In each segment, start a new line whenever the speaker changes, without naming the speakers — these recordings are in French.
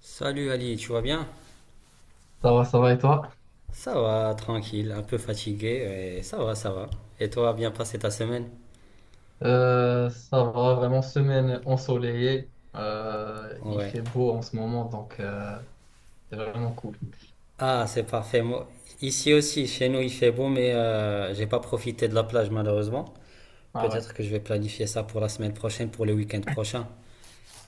Salut Ali, tu vas bien?
Ça va, ça va, et toi?
Ça va, tranquille, un peu fatigué, et ça va, ça va. Et toi, bien passé ta semaine?
Ça va, vraiment semaine ensoleillée. Il
Ouais.
fait beau en ce moment, donc c'est vraiment cool.
Ah, c'est parfait. Moi, ici aussi, chez nous, il fait beau, mais j'ai pas profité de la plage malheureusement.
Ah ouais,
Peut-être que je vais planifier ça pour la semaine prochaine, pour le week-end prochain.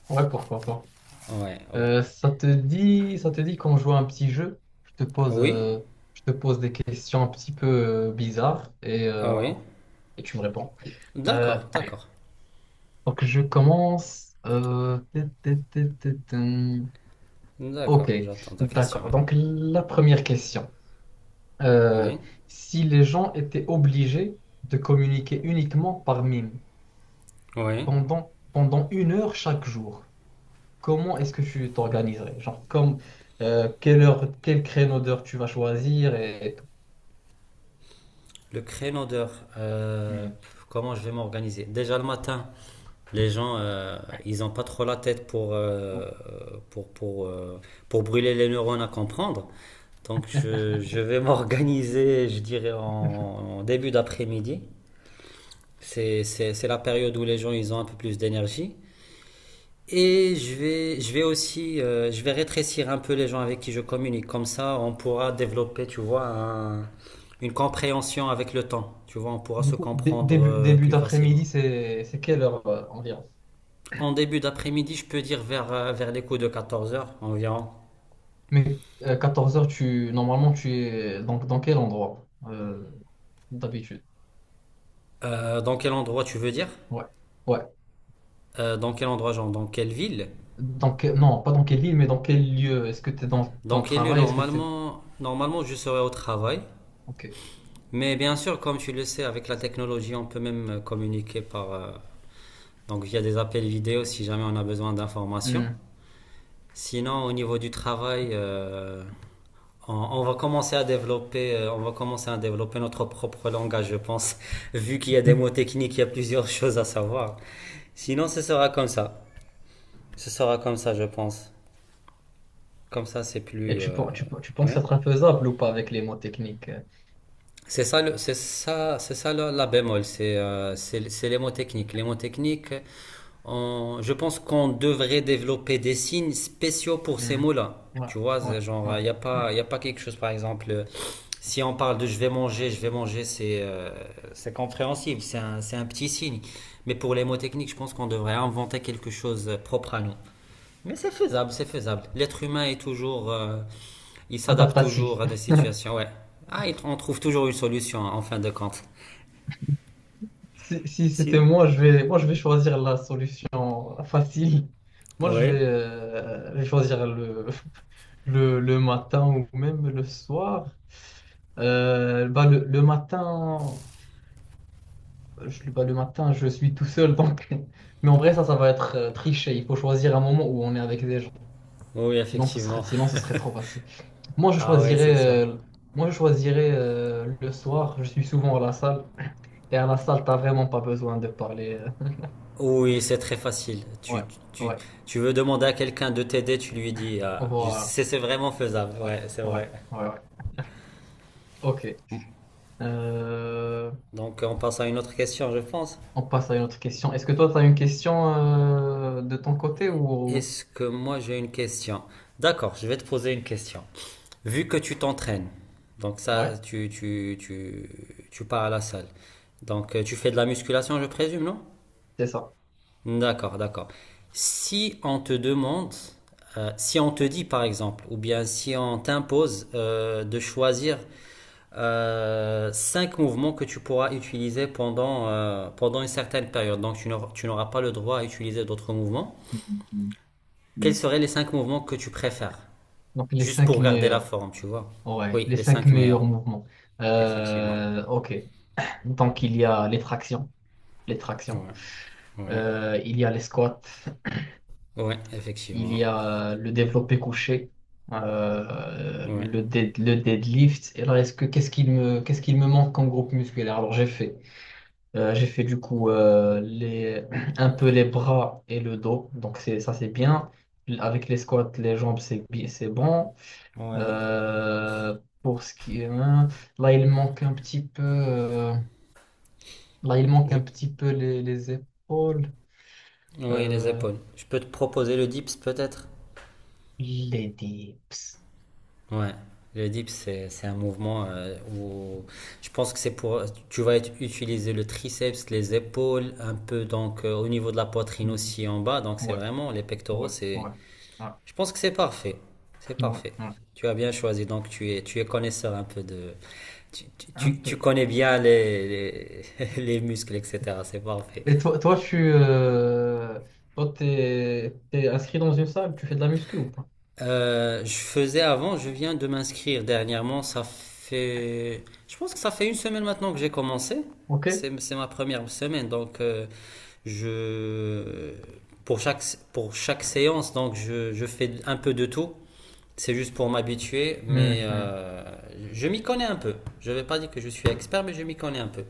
ouais, pourquoi pas.
Ouais, ouais.
Ça te dit qu'on joue à un petit jeu?
Oui?
Je te pose des questions un petit peu bizarres et,
Ah
euh,
oui?
et tu me réponds. Euh,
D'accord, d'accord.
donc je commence. Tut, tut, tut, tut, tum.
D'accord,
Ok,
j'attends ta question.
d'accord.
Ouais.
Donc la première question. euh,
Oui,
Si les gens étaient obligés de communiquer uniquement par mime
oui.
pendant une heure chaque jour, comment est-ce que tu t'organiserais? Genre, comme, quelle heure, quel créneau d'heure tu vas choisir et tout.
Le créneau d'heure,
Hmm.
comment je vais m'organiser? Déjà le matin. Les gens, ils n'ont pas trop la tête pour, pour, pour, euh, pour brûler les neurones à comprendre. Donc, je vais m'organiser, je dirais, en début d'après-midi. C'est la période où les gens, ils ont un peu plus d'énergie. Et je vais aussi, je vais rétrécir un peu les gens avec qui je communique. Comme ça, on pourra développer, tu vois, une compréhension avec le temps. Tu vois, on pourra
Du
se
coup,
comprendre
Début
plus facilement.
d'après-midi, c'est quelle heure environ?
En début d'après-midi, je peux dire vers, vers les coups de 14 heures environ.
Mais 14h heures, tu, normalement, tu es dans quel endroit d'habitude?
Dans quel endroit tu veux dire?
Ouais. Ouais.
Dans quel endroit, genre dans quelle ville?
Non, pas dans quelle ville, mais dans quel lieu? Est-ce que tu es dans
Dans
le
quel lieu?
travail? Est-ce que tu
Normalement, je serai au travail.
es...
Mais bien sûr, comme tu le sais, avec la technologie, on peut même communiquer donc via des appels vidéo si jamais on a besoin d'informations.
Hmm.
Sinon, au niveau du travail, on va commencer à développer, on va commencer à développer notre propre langage, je pense, vu qu'il y a des
Hmm.
mots techniques, il y a plusieurs choses à savoir. Sinon, ce sera comme ça. Ce sera comme ça, je pense. Comme ça, c'est
Et
plus.
tu, pen- tu, pen- tu penses que
Oui.
ça sera faisable ou pas avec les mots techniques?
C'est ça, c'est ça, c'est ça la, la bémol. C'est c'est les mots techniques. Les mots techniques. Je pense qu'on devrait développer des signes spéciaux pour ces
Hmm.
mots-là.
Ouais,
Tu vois,
ouais,
c'est genre, il n'y a
ouais.
pas, y a pas quelque chose, par exemple. Si on parle de je vais manger, c'est compréhensible, c'est un petit signe. Mais pour les mots techniques, je pense qu'on devrait inventer quelque chose propre à nous. Mais c'est faisable, c'est faisable. L'être humain est toujours, il s'adapte toujours
Adaptatif.
à des situations. Ouais. Ah, on trouve toujours une solution hein, en fin de compte.
Si, si c'était
Sinon?
moi, moi, je vais choisir la solution facile. Moi,
Oui.
je vais choisir le matin ou même le soir. Le matin, le matin, je suis tout seul, donc. Mais en vrai, ça va être triché. Il faut choisir un moment où on est avec des gens.
Oui, effectivement.
Sinon, ce serait trop facile. Moi, je
Ah ouais, c'est
choisirais,
sûr.
euh, moi, je choisirais le soir. Je suis souvent à la salle. Et à la salle, t'as vraiment pas besoin de parler.
Oui, c'est très facile.
Ouais,
Tu,
ouais,
tu veux demander à quelqu'un de t'aider, tu lui dis. Ah,
voilà.
c'est vraiment faisable.
Ouais,
Ouais, c'est
ouais,
vrai.
ouais, ouais. Ok. Euh,
Donc, on passe à une autre question, je pense.
on passe à une autre question. Est-ce que toi, tu as une question de ton côté ou...
Est-ce que moi j'ai une question? D'accord, je vais te poser une question. Vu que tu t'entraînes, donc ça,
Ouais,
tu pars à la salle. Donc tu fais de la musculation, je présume, non?
c'est ça.
D'accord, d'accord. Si on te demande, si on te dit par exemple, ou bien si on t'impose de choisir cinq mouvements que tu pourras utiliser pendant, pendant une certaine période, donc tu n'auras pas le droit à utiliser d'autres mouvements, quels seraient les cinq mouvements que tu préfères?
Donc, les
Juste
cinq
pour garder la
meilleurs.
forme, tu vois.
Ouais,
Oui,
les
les
cinq
cinq meilleurs,
meilleurs mouvements.
effectivement.
Ok. Donc, il y a les tractions. Les tractions.
Ouais, ouais,
Il y a les squats.
ouais,
Il
effectivement.
y a le développé couché, euh,
Ouais,
le, dead- le deadlift. Et alors, est-ce que qu'est-ce qu'il me manque en groupe musculaire? Alors, j'ai fait du coup un peu les bras et le dos. Donc, ça, c'est bien. Avec les squats, les jambes, c'est bon.
ouais.
Pour ce qui est, hein, là, il manque un petit peu, euh, là, il manque un
Je...
petit peu les épaules,
ouais, les
euh,
épaules. Je peux te proposer le dips peut-être?
les dips.
Ouais, le dips, c'est un mouvement où je pense que c'est pour. Tu vas utiliser le triceps, les épaules, un peu donc au niveau de la poitrine
Mhm.
aussi en bas. Donc c'est
Ouais,
vraiment les pectoraux,
ouais,
c'est.
ouais, ouais,
Je pense que c'est parfait. C'est
ouais,
parfait.
ouais,
Tu as bien choisi, donc tu es connaisseur un peu de.
un
Tu
peu.
connais bien les, les muscles, etc. C'est parfait.
Et toi, toi tu toi, t'es inscrit dans une salle, tu fais de la muscu ou pas?
Je faisais avant, je viens de m'inscrire dernièrement. Ça fait, je pense que ça fait une semaine maintenant que j'ai commencé.
Ok?
C'est ma première semaine, donc je, pour chaque, pour chaque séance, donc je fais un peu de tout. C'est juste pour m'habituer, mais
Mhm.
je m'y connais un peu. Je ne vais pas dire que je suis expert, mais je m'y connais un peu.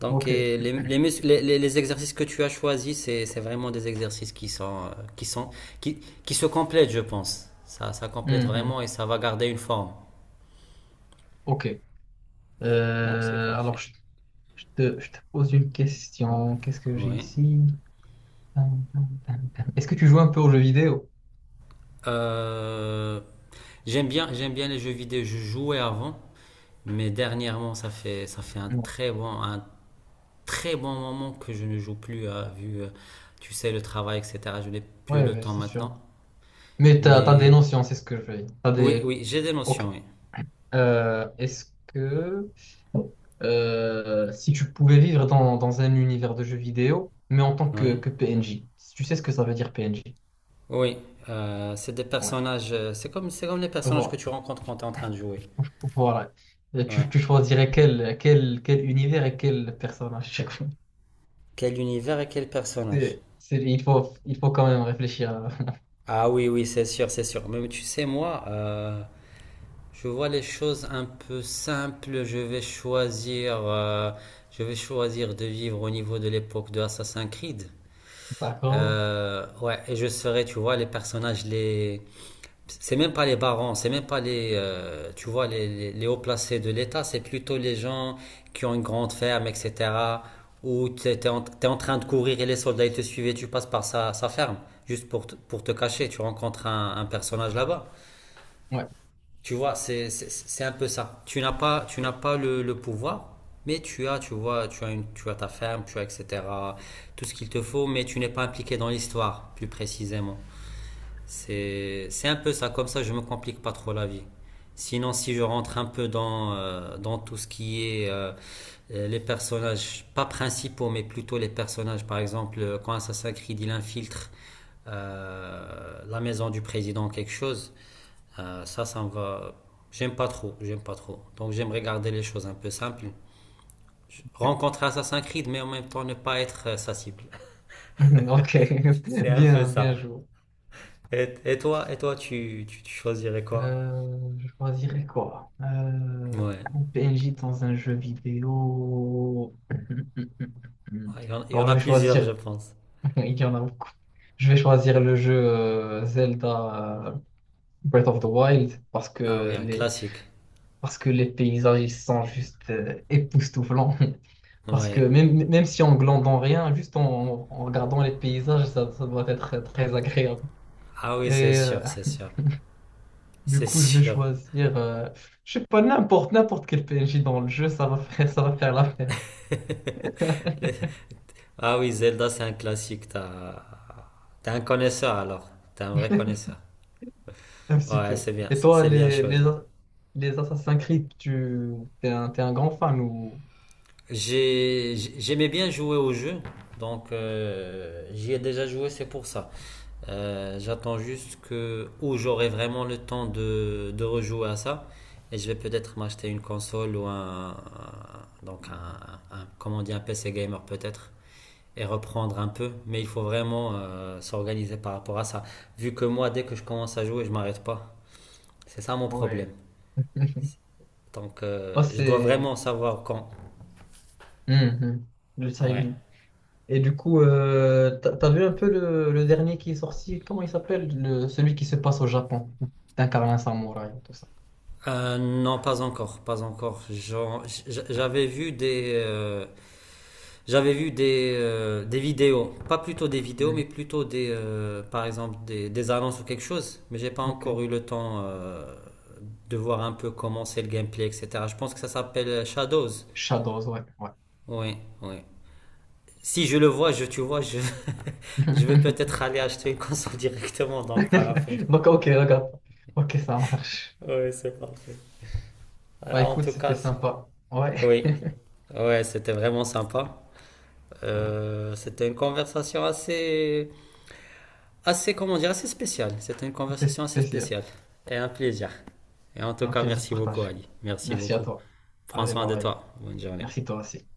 Donc,
Ok.
et les, mus- les exercices que tu as choisis, c'est vraiment des exercices qui, qui se complètent, je pense. Ça complète
Mhm.
vraiment et ça va garder une forme.
Ok.
Donc c'est
Euh, alors,
parfait.
je, je te pose une question. Qu'est-ce que j'ai
Oui.
ici? Tan, tan, tan, tan. Est-ce que tu joues un peu aux jeux vidéo?
Euh, J'aime bien, j'aime bien les jeux vidéo. Je jouais avant, mais dernièrement, ça fait
Non.
un très bon moment que je ne joue plus, tu sais, le travail, etc. Je n'ai plus
Ouais,
le
ouais,
temps
c'est sûr.
maintenant.
Mais t'as des
Mais
notions, c'est ce que je veux dire. T'as
oui,
des...
oui, j'ai des notions,
Ok.
oui.
Est-ce que si tu pouvais vivre dans un univers de jeux vidéo, mais en tant
Oui.
que PNJ, si tu sais ce que ça veut dire PNJ?
Oui, c'est des
Ouais.
personnages. C'est comme les personnages que
Voilà.
tu rencontres quand tu es en train de jouer.
Voilà. Et
Ouais.
tu tu choisirais quel univers et quel personnage chaque fois.
Quel univers et quel personnage?
Il faut quand même réfléchir à...
Ah oui, oui, c'est sûr, c'est sûr. Mais tu sais, moi, je vois les choses un peu simples. Je vais choisir de vivre au niveau de l'époque de Assassin's Creed.
D'accord?
Ouais, et je serai, tu vois, les personnages les, c'est même pas les barons, c'est même pas les, tu vois, les hauts placés de l'État, c'est plutôt les gens qui ont une grande ferme, etc. Où en t'es en train de courir et les soldats ils te suivent et tu passes par sa ferme, juste pour, pour te cacher. Tu rencontres un personnage là-bas.
Ouais.
Tu vois, c'est un peu ça. Tu n'as pas le pouvoir, mais tu as ta ferme, tu as, etc. Tout ce qu'il te faut, mais tu n'es pas impliqué dans l'histoire, plus précisément. C'est un peu ça, comme ça je me complique pas trop la vie. Sinon, si je rentre un peu dans, dans tout ce qui est les personnages, pas principaux, mais plutôt les personnages, par exemple, quand Assassin's Creed il infiltre la maison du président, quelque chose, ça me va. J'aime pas trop, j'aime pas trop. Donc, j'aime regarder les choses un peu simples.
Ok.
Rencontrer Assassin's Creed, mais en même temps ne pas être sa cible.
Ok.
C'est un peu
Bien,
ça.
bien joué.
Et toi, tu choisirais quoi?
Je choisirais quoi?
Ouais.
Un PNJ dans un jeu vidéo.
Ouais, il y
Alors,
en
je
a
vais
plusieurs, je
choisir.
pense.
Il y en a beaucoup. Je vais choisir le jeu Zelda Breath of the Wild
Ah oui, un classique.
parce que les paysages ils sont juste époustouflants. Parce que
Ouais.
même si on glandant rien, juste en regardant les paysages, ça doit être très agréable.
Ah oui, c'est
Et euh,
sûr, c'est sûr. C'est
Je vais
sûr.
choisir, je sais pas, n'importe quel PNJ dans le jeu, ça va faire l'affaire,
Les- Ah oui, Zelda, c'est un classique. T'as... T'es un connaisseur alors. T'es un vrai connaisseur.
un petit
Ouais,
peu. Et toi,
c'est bien choisi.
les Assassin's Creed, t'es un grand fan ou...
J'ai... J'aimais bien jouer au jeu, donc j'y ai déjà joué, c'est pour ça. J'attends juste que où j'aurai vraiment le temps de rejouer à ça et je vais peut-être m'acheter une console ou donc comment on dit, un PC gamer peut-être et reprendre un peu. Mais il faut vraiment s'organiser par rapport à ça. Vu que moi, dès que je commence à jouer, je m'arrête pas. C'est ça mon problème.
Ouais.
Donc
Moi
je dois
c'est...
vraiment savoir quand.
Mhm. Le
Ouais.
timing. Et du coup, t'as vu un peu le dernier qui est sorti, comment il s'appelle? Le, celui qui se passe au Japon, d'incarner un samouraï, et tout ça.
Non, pas encore, pas encore. J'avais vu des, j'avais vu des vidéos, pas plutôt des vidéos, mais
Mhm.
plutôt des, par exemple des annonces ou quelque chose. Mais j'ai pas
Ok.
encore eu le temps de voir un peu comment c'est le gameplay, etc. Je pense que ça s'appelle Shadows.
Shadows, ouais, ouais.
Oui, oui. Si je le vois, je, tu vois, je, je vais peut-être aller acheter une console directement, donc pas la peine.
Donc, ok, regarde. Ok, ça marche.
Oui, c'est parfait.
Bah
Voilà, en
écoute,
tout
c'était
cas, c'est...
sympa. Ouais,
Oui, ouais, c'était vraiment sympa. C'était une conversation assez comment dire, assez spécial. C'était une
c'était
conversation assez
spécial.
spéciale et un plaisir. Et en tout
Un
cas,
plaisir
merci beaucoup,
partagé.
Ali. Merci
Merci à
beaucoup.
toi.
Prends
Allez,
soin
bye
de
bye.
toi. Bonne journée.
Merci toi aussi.